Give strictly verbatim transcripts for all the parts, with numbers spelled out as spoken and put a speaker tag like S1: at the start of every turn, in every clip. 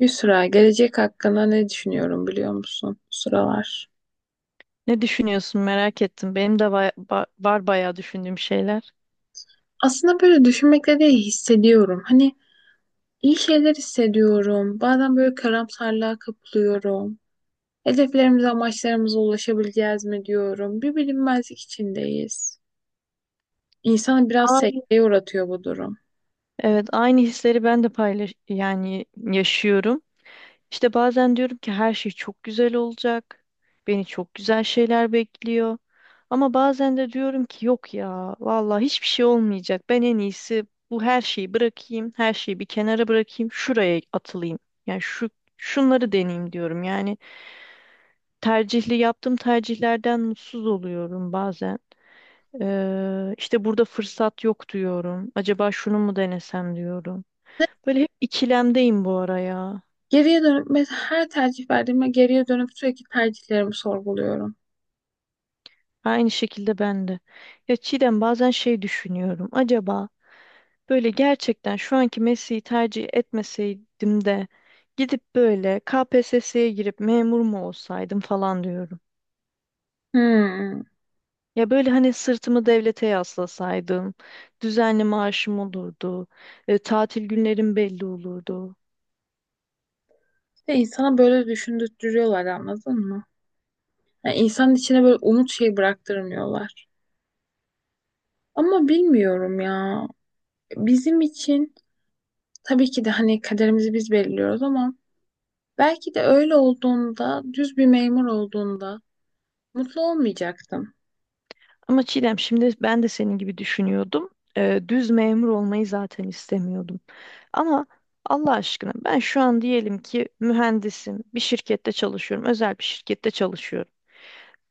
S1: Yusra, gelecek hakkında ne düşünüyorum biliyor musun bu sıralar?
S2: Ne düşünüyorsun merak ettim. Benim de baya- ba- var bayağı düşündüğüm şeyler.
S1: Aslında böyle düşünmekle de hissediyorum. Hani iyi şeyler hissediyorum. Bazen böyle karamsarlığa kapılıyorum. Hedeflerimize, amaçlarımıza ulaşabileceğiz mi diyorum. Bir bilinmezlik içindeyiz. İnsanı biraz
S2: Ay.
S1: sekteye uğratıyor bu durum.
S2: Evet, aynı hisleri ben de paylaş yani yaşıyorum. İşte bazen diyorum ki her şey çok güzel olacak. Beni çok güzel şeyler bekliyor. Ama bazen de diyorum ki yok ya vallahi hiçbir şey olmayacak. Ben en iyisi bu her şeyi bırakayım. Her şeyi bir kenara bırakayım. Şuraya atılayım. Yani şu şunları deneyeyim diyorum. Yani tercihli yaptığım tercihlerden mutsuz oluyorum bazen. Ee, işte burada fırsat yok diyorum. Acaba şunu mu denesem diyorum. Böyle hep ikilemdeyim bu ara ya.
S1: Geriye dönüp mes- her tercih verdiğimde geriye dönüp sürekli tercihlerimi sorguluyorum.
S2: Aynı şekilde ben de. Ya Çiğdem, bazen şey düşünüyorum. Acaba böyle gerçekten şu anki mesleği tercih etmeseydim de gidip böyle K P S S'ye girip memur mu olsaydım falan diyorum.
S1: Hmm.
S2: Ya böyle hani sırtımı devlete yaslasaydım, düzenli maaşım olurdu, e, tatil günlerim belli olurdu.
S1: İşte insana böyle düşündürtüyorlar, anladın mı? Yani insanın içine böyle umut şey bıraktırmıyorlar. Ama bilmiyorum ya. Bizim için tabii ki de hani kaderimizi biz belirliyoruz ama belki de öyle olduğunda, düz bir memur olduğunda mutlu olmayacaktım.
S2: Ama Çiğdem, şimdi ben de senin gibi düşünüyordum. Ee, düz memur olmayı zaten istemiyordum. Ama Allah aşkına, ben şu an diyelim ki mühendisim, bir şirkette çalışıyorum, özel bir şirkette çalışıyorum.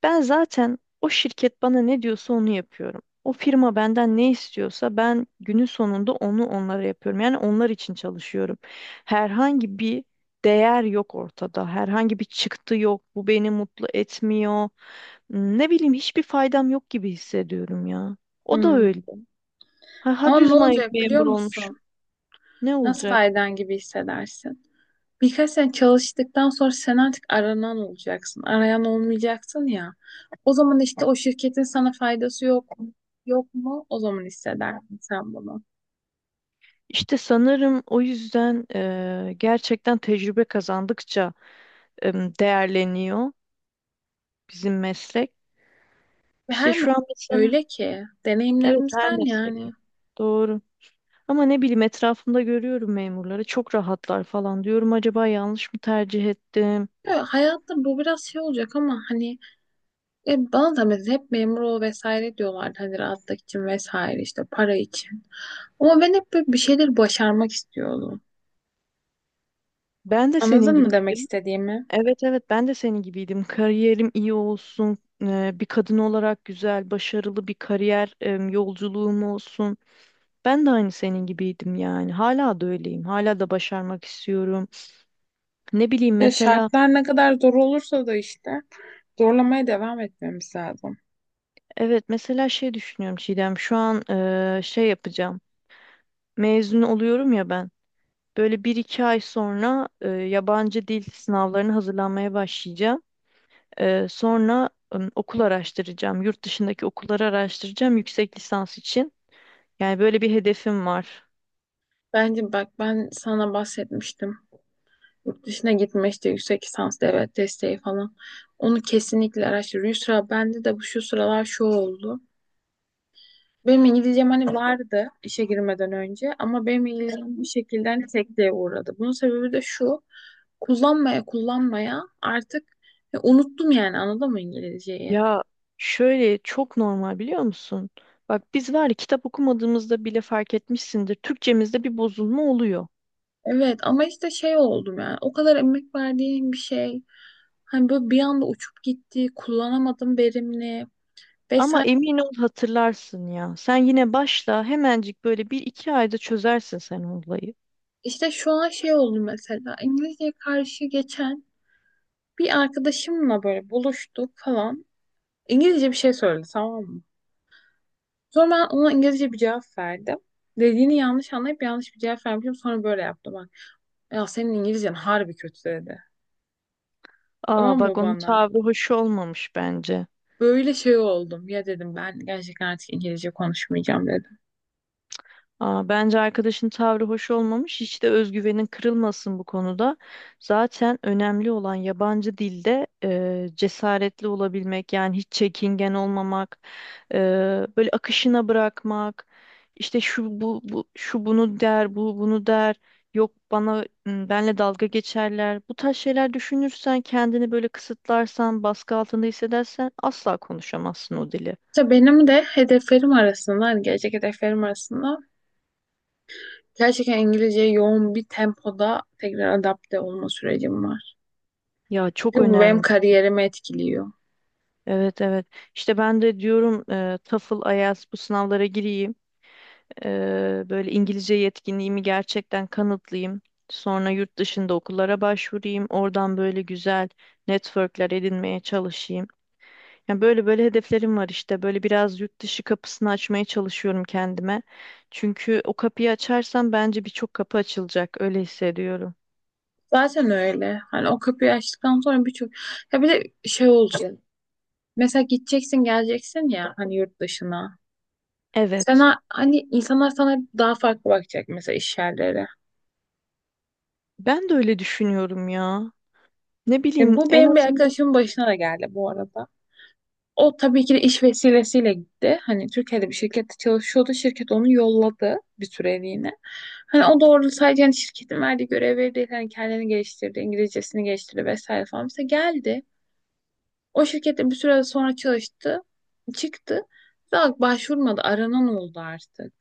S2: Ben zaten o şirket bana ne diyorsa onu yapıyorum. O firma benden ne istiyorsa ben günün sonunda onu onlara yapıyorum. Yani onlar için çalışıyorum. Herhangi bir değer yok ortada. Herhangi bir çıktı yok. Bu beni mutlu etmiyor. Ne bileyim, hiçbir faydam yok gibi hissediyorum ya. O da
S1: Hmm.
S2: öyle. Ha, ha
S1: Ama ne
S2: düz may-
S1: olacak biliyor
S2: memur
S1: musun?
S2: olmuşum. Ne
S1: Nasıl
S2: olacak?
S1: faydan gibi hissedersin? Birkaç sene çalıştıktan sonra sen artık aranan olacaksın. Arayan olmayacaksın ya. O zaman işte o şirketin sana faydası yok mu? Yok mu? O zaman hissedersin sen bunu.
S2: İşte sanırım o yüzden eee, gerçekten tecrübe kazandıkça em, değerleniyor bizim meslek.
S1: Ve
S2: İşte
S1: her mevsim
S2: şu an mesela
S1: öyle ki
S2: evet her
S1: deneyimlerimizden
S2: meslek.
S1: yani.
S2: Doğru. Ama ne bileyim, etrafımda görüyorum memurları çok rahatlar falan diyorum, acaba yanlış mı tercih ettim?
S1: Ya hayatta bu biraz şey olacak ama hani e, bana da mesela hep memur ol vesaire diyorlardı, hani rahatlık için vesaire, işte para için. Ama ben hep böyle bir şeyler başarmak istiyordum.
S2: Ben de senin
S1: Anladın mı
S2: gibi.
S1: demek istediğimi?
S2: Evet, evet, ben de senin gibiydim. Kariyerim iyi olsun, e, bir kadın olarak güzel, başarılı bir kariyer e, yolculuğum olsun. Ben de aynı senin gibiydim yani. Hala da öyleyim. Hala da başarmak istiyorum. Ne bileyim
S1: Ya
S2: mesela,
S1: şartlar ne kadar zor olursa da işte zorlamaya devam etmemiz lazım.
S2: evet mesela şey düşünüyorum Çiğdem. Şu an e, şey yapacağım. Mezun oluyorum ya ben. Böyle bir iki ay sonra e, yabancı dil sınavlarına hazırlanmaya başlayacağım. E, sonra ım, okul araştıracağım. Yurt dışındaki okulları araştıracağım yüksek lisans için. Yani böyle bir hedefim var.
S1: Bence bak ben sana bahsetmiştim. Yurt dışına gitme işte, yüksek lisans devlet desteği falan. Onu kesinlikle araştır. Yusra, bende de bu şu sıralar şu oldu. Benim İngilizcem hani vardı işe girmeden önce, ama benim İngilizcem bir şekilde hani sekteye uğradı. Bunun sebebi de şu. Kullanmaya kullanmaya artık e, unuttum, yani anladın mı İngilizceyi?
S2: Ya, şöyle çok normal, biliyor musun? Bak biz var ya, kitap okumadığımızda bile fark etmişsindir. Türkçemizde bir bozulma oluyor.
S1: Evet ama işte şey oldum, yani o kadar emek verdiğim bir şey hani böyle bir anda uçup gitti, kullanamadım verimli
S2: Ama
S1: vesaire.
S2: emin ol, hatırlarsın ya. Sen yine başla, hemencik böyle bir iki ayda çözersin sen o olayı.
S1: İşte şu an şey oldu mesela İngilizceye karşı. Geçen bir arkadaşımla böyle buluştuk falan. İngilizce bir şey söyledi, tamam mı? Sonra ben ona İngilizce bir cevap verdim. Dediğini yanlış anlayıp yanlış bir cevap vermişim. Sonra böyle yaptım bak. Ya senin İngilizcen harbi kötü dedi.
S2: Aa,
S1: Tamam
S2: bak
S1: mı
S2: onun
S1: bana?
S2: tavrı hoş olmamış bence.
S1: Böyle şey oldum. Ya dedim ben gerçekten artık İngilizce konuşmayacağım dedim.
S2: Aa, bence arkadaşın tavrı hoş olmamış. Hiç de özgüvenin kırılmasın bu konuda. Zaten önemli olan yabancı dilde e, cesaretli olabilmek, yani hiç çekingen olmamak, e, böyle akışına bırakmak. İşte şu bu, bu şu bunu der, bu bunu der. Yok, bana m, benle dalga geçerler. Bu tarz şeyler düşünürsen, kendini böyle kısıtlarsan, baskı altında hissedersen asla konuşamazsın o dili.
S1: İşte benim de hedeflerim arasında, hani gelecek hedeflerim arasında gerçekten İngilizceye yoğun bir tempoda tekrar adapte olma sürecim var.
S2: Ya, çok
S1: Bu benim
S2: önemli.
S1: kariyerimi etkiliyor.
S2: Evet, evet. İşte ben de diyorum e, TOEFL, IELTS bu sınavlara gireyim. E, böyle İngilizce yetkinliğimi gerçekten kanıtlayayım. Sonra yurt dışında okullara başvurayım. Oradan böyle güzel networkler edinmeye çalışayım. Yani böyle böyle hedeflerim var işte. Böyle biraz yurt dışı kapısını açmaya çalışıyorum kendime. Çünkü o kapıyı açarsam bence birçok kapı açılacak. Öyle hissediyorum.
S1: Zaten öyle. Hani o kapıyı açtıktan sonra birçok... Ya bir de şey olacak. Mesela gideceksin geleceksin ya hani yurt dışına.
S2: Evet.
S1: Sana hani insanlar sana daha farklı bakacak, mesela iş yerleri.
S2: Ben de öyle düşünüyorum ya. Ne
S1: E,
S2: bileyim,
S1: bu
S2: en
S1: benim bir
S2: azından.
S1: arkadaşımın başına da geldi bu arada. O tabii ki de iş vesilesiyle gitti. Hani Türkiye'de bir şirkette çalışıyordu. Şirket onu yolladı bir süreliğine. Hani o doğru sadece hani şirketin verdiği görevleri değil. Hani kendini geliştirdi, İngilizcesini geliştirdi vesaire falan. Mesela geldi. O şirkette bir süre sonra çalıştı. Çıktı. Daha başvurmadı. Aranan oldu artık.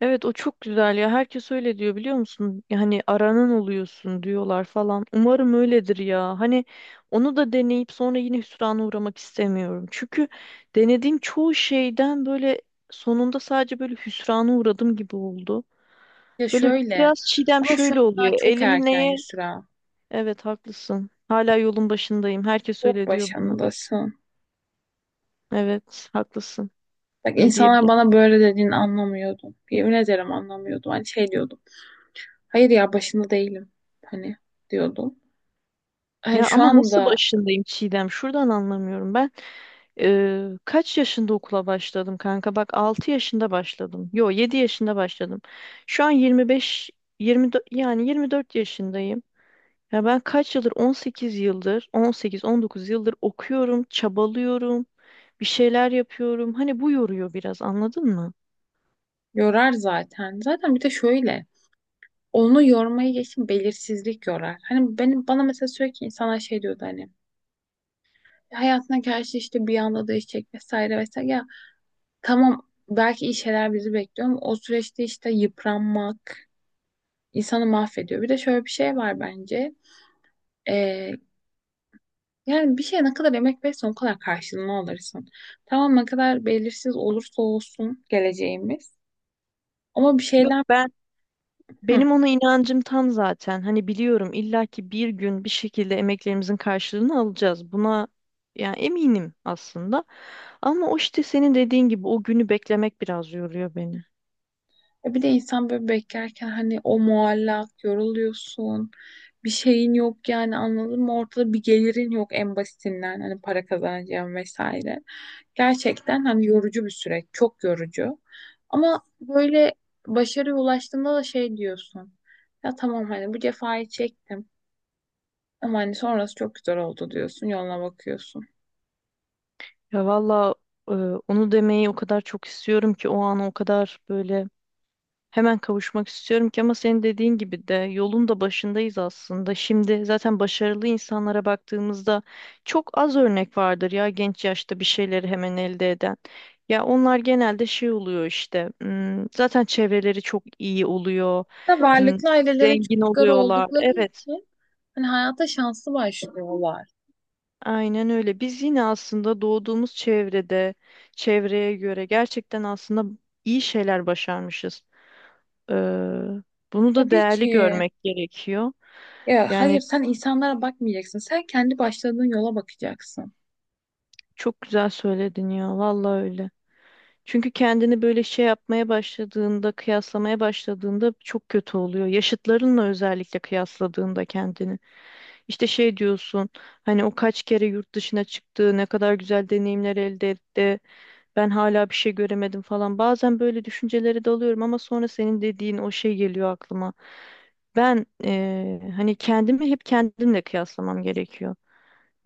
S2: Evet, o çok güzel ya. Herkes öyle diyor, biliyor musun? Yani aranan oluyorsun diyorlar falan. Umarım öyledir ya. Hani onu da deneyip sonra yine hüsrana uğramak istemiyorum. Çünkü denediğim çoğu şeyden böyle sonunda sadece böyle hüsrana uğradım gibi oldu.
S1: Ya
S2: Böyle
S1: şöyle.
S2: biraz Çiğdem,
S1: Ama şu
S2: şöyle
S1: an daha
S2: oluyor.
S1: çok
S2: Elimi
S1: erken
S2: neye?
S1: Yusra.
S2: Evet, haklısın. Hala yolun başındayım. Herkes
S1: Çok
S2: öyle diyor bana.
S1: başındasın.
S2: Evet, haklısın.
S1: Bak
S2: Ne
S1: insanlar
S2: diyebilirim?
S1: bana böyle dediğini anlamıyordum. Yemin ederim anlamıyordum. Hani şey diyordum. Hayır ya başında değilim. Hani diyordum. Yani
S2: Ya
S1: şu
S2: ama nasıl
S1: anda
S2: başındayım Çiğdem? Şuradan anlamıyorum ben. Ee, kaç yaşında okula başladım kanka? Bak altı yaşında başladım. Yo, yedi yaşında başladım. Şu an yirmi 24, yani yirmi dört yaşındayım. Ya ben kaç yıldır On sekiz yıldır on sekiz on dokuz yıldır okuyorum, çabalıyorum, bir şeyler yapıyorum. Hani bu yoruyor biraz, anladın mı?
S1: yorar zaten. Zaten bir de şöyle. Onu yormayı geçin, belirsizlik yorar. Hani benim bana mesela sürekli insanlar şey diyordu hani. Hayatına karşı işte bir anda değişecek vesaire vesaire. Ya tamam, belki iyi şeyler bizi bekliyor ama o süreçte işte yıpranmak insanı mahvediyor. Bir de şöyle bir şey var bence. Ee, Yani bir şeye ne kadar emek verirsen o kadar karşılığını alırsın. Tamam ne kadar belirsiz olursa olsun geleceğimiz. Ama bir
S2: Yok,
S1: şeyden.
S2: ben.
S1: Hı.
S2: Benim ona inancım tam zaten. Hani biliyorum, illaki bir gün bir şekilde emeklerimizin karşılığını alacağız. Buna yani eminim aslında. Ama o işte senin dediğin gibi o günü beklemek biraz yoruyor beni.
S1: E bir de insan böyle beklerken hani o muallak yoruluyorsun. Bir şeyin yok yani anladın mı? Ortada bir gelirin yok, en basitinden hani para kazanacağım vesaire. Gerçekten hani yorucu bir süreç, çok yorucu. Ama böyle başarıya ulaştığında da şey diyorsun. Ya tamam hani bu cefayı çektim ama hani sonrası çok güzel oldu diyorsun, yoluna bakıyorsun.
S2: Ya valla, e, onu demeyi o kadar çok istiyorum ki o an o kadar böyle hemen kavuşmak istiyorum ki, ama senin dediğin gibi de yolun da başındayız aslında. Şimdi zaten başarılı insanlara baktığımızda çok az örnek vardır ya genç yaşta bir şeyleri hemen elde eden. Ya onlar genelde şey oluyor işte. hmm, Zaten çevreleri çok iyi oluyor.
S1: Da
S2: hmm,
S1: varlıklı ailelerin
S2: Zengin
S1: çocukları
S2: oluyorlar.
S1: oldukları
S2: Evet.
S1: için hani hayata şanslı başlıyorlar.
S2: Aynen öyle. Biz yine aslında doğduğumuz çevrede, çevreye göre gerçekten aslında iyi şeyler başarmışız. Eee, bunu da
S1: Tabii
S2: değerli
S1: ki.
S2: görmek gerekiyor.
S1: Ya hayır
S2: Yani
S1: sen insanlara bakmayacaksın. Sen kendi başladığın yola bakacaksın.
S2: çok güzel söyledin ya, vallahi öyle. Çünkü kendini böyle şey yapmaya başladığında, kıyaslamaya başladığında çok kötü oluyor. Yaşıtlarınla özellikle kıyasladığında kendini. İşte şey diyorsun, hani o kaç kere yurt dışına çıktı, ne kadar güzel deneyimler elde etti. Ben hala bir şey göremedim falan. Bazen böyle düşüncelere dalıyorum ama sonra senin dediğin o şey geliyor aklıma. Ben eee, hani kendimi hep kendimle kıyaslamam gerekiyor.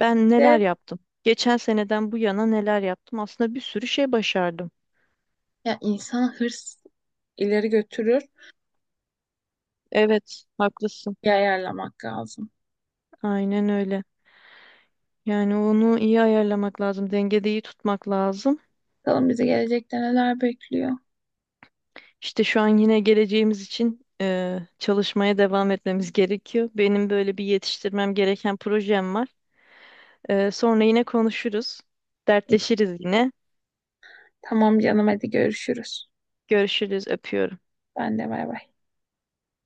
S2: Ben neler
S1: De
S2: yaptım? Geçen seneden bu yana neler yaptım? Aslında bir sürü şey başardım.
S1: ya, insana hırs ileri götürür.
S2: Evet, haklısın.
S1: Bir ayarlamak lazım.
S2: Aynen öyle. Yani onu iyi ayarlamak lazım, dengede iyi tutmak lazım.
S1: Bakalım bizi gelecekte neler bekliyor.
S2: İşte şu an yine geleceğimiz için eee, çalışmaya devam etmemiz gerekiyor. Benim böyle bir yetiştirmem gereken projem var. Ee, sonra yine konuşuruz. Dertleşiriz yine.
S1: Tamam canım hadi görüşürüz.
S2: Görüşürüz. Öpüyorum.
S1: Ben de bay bay.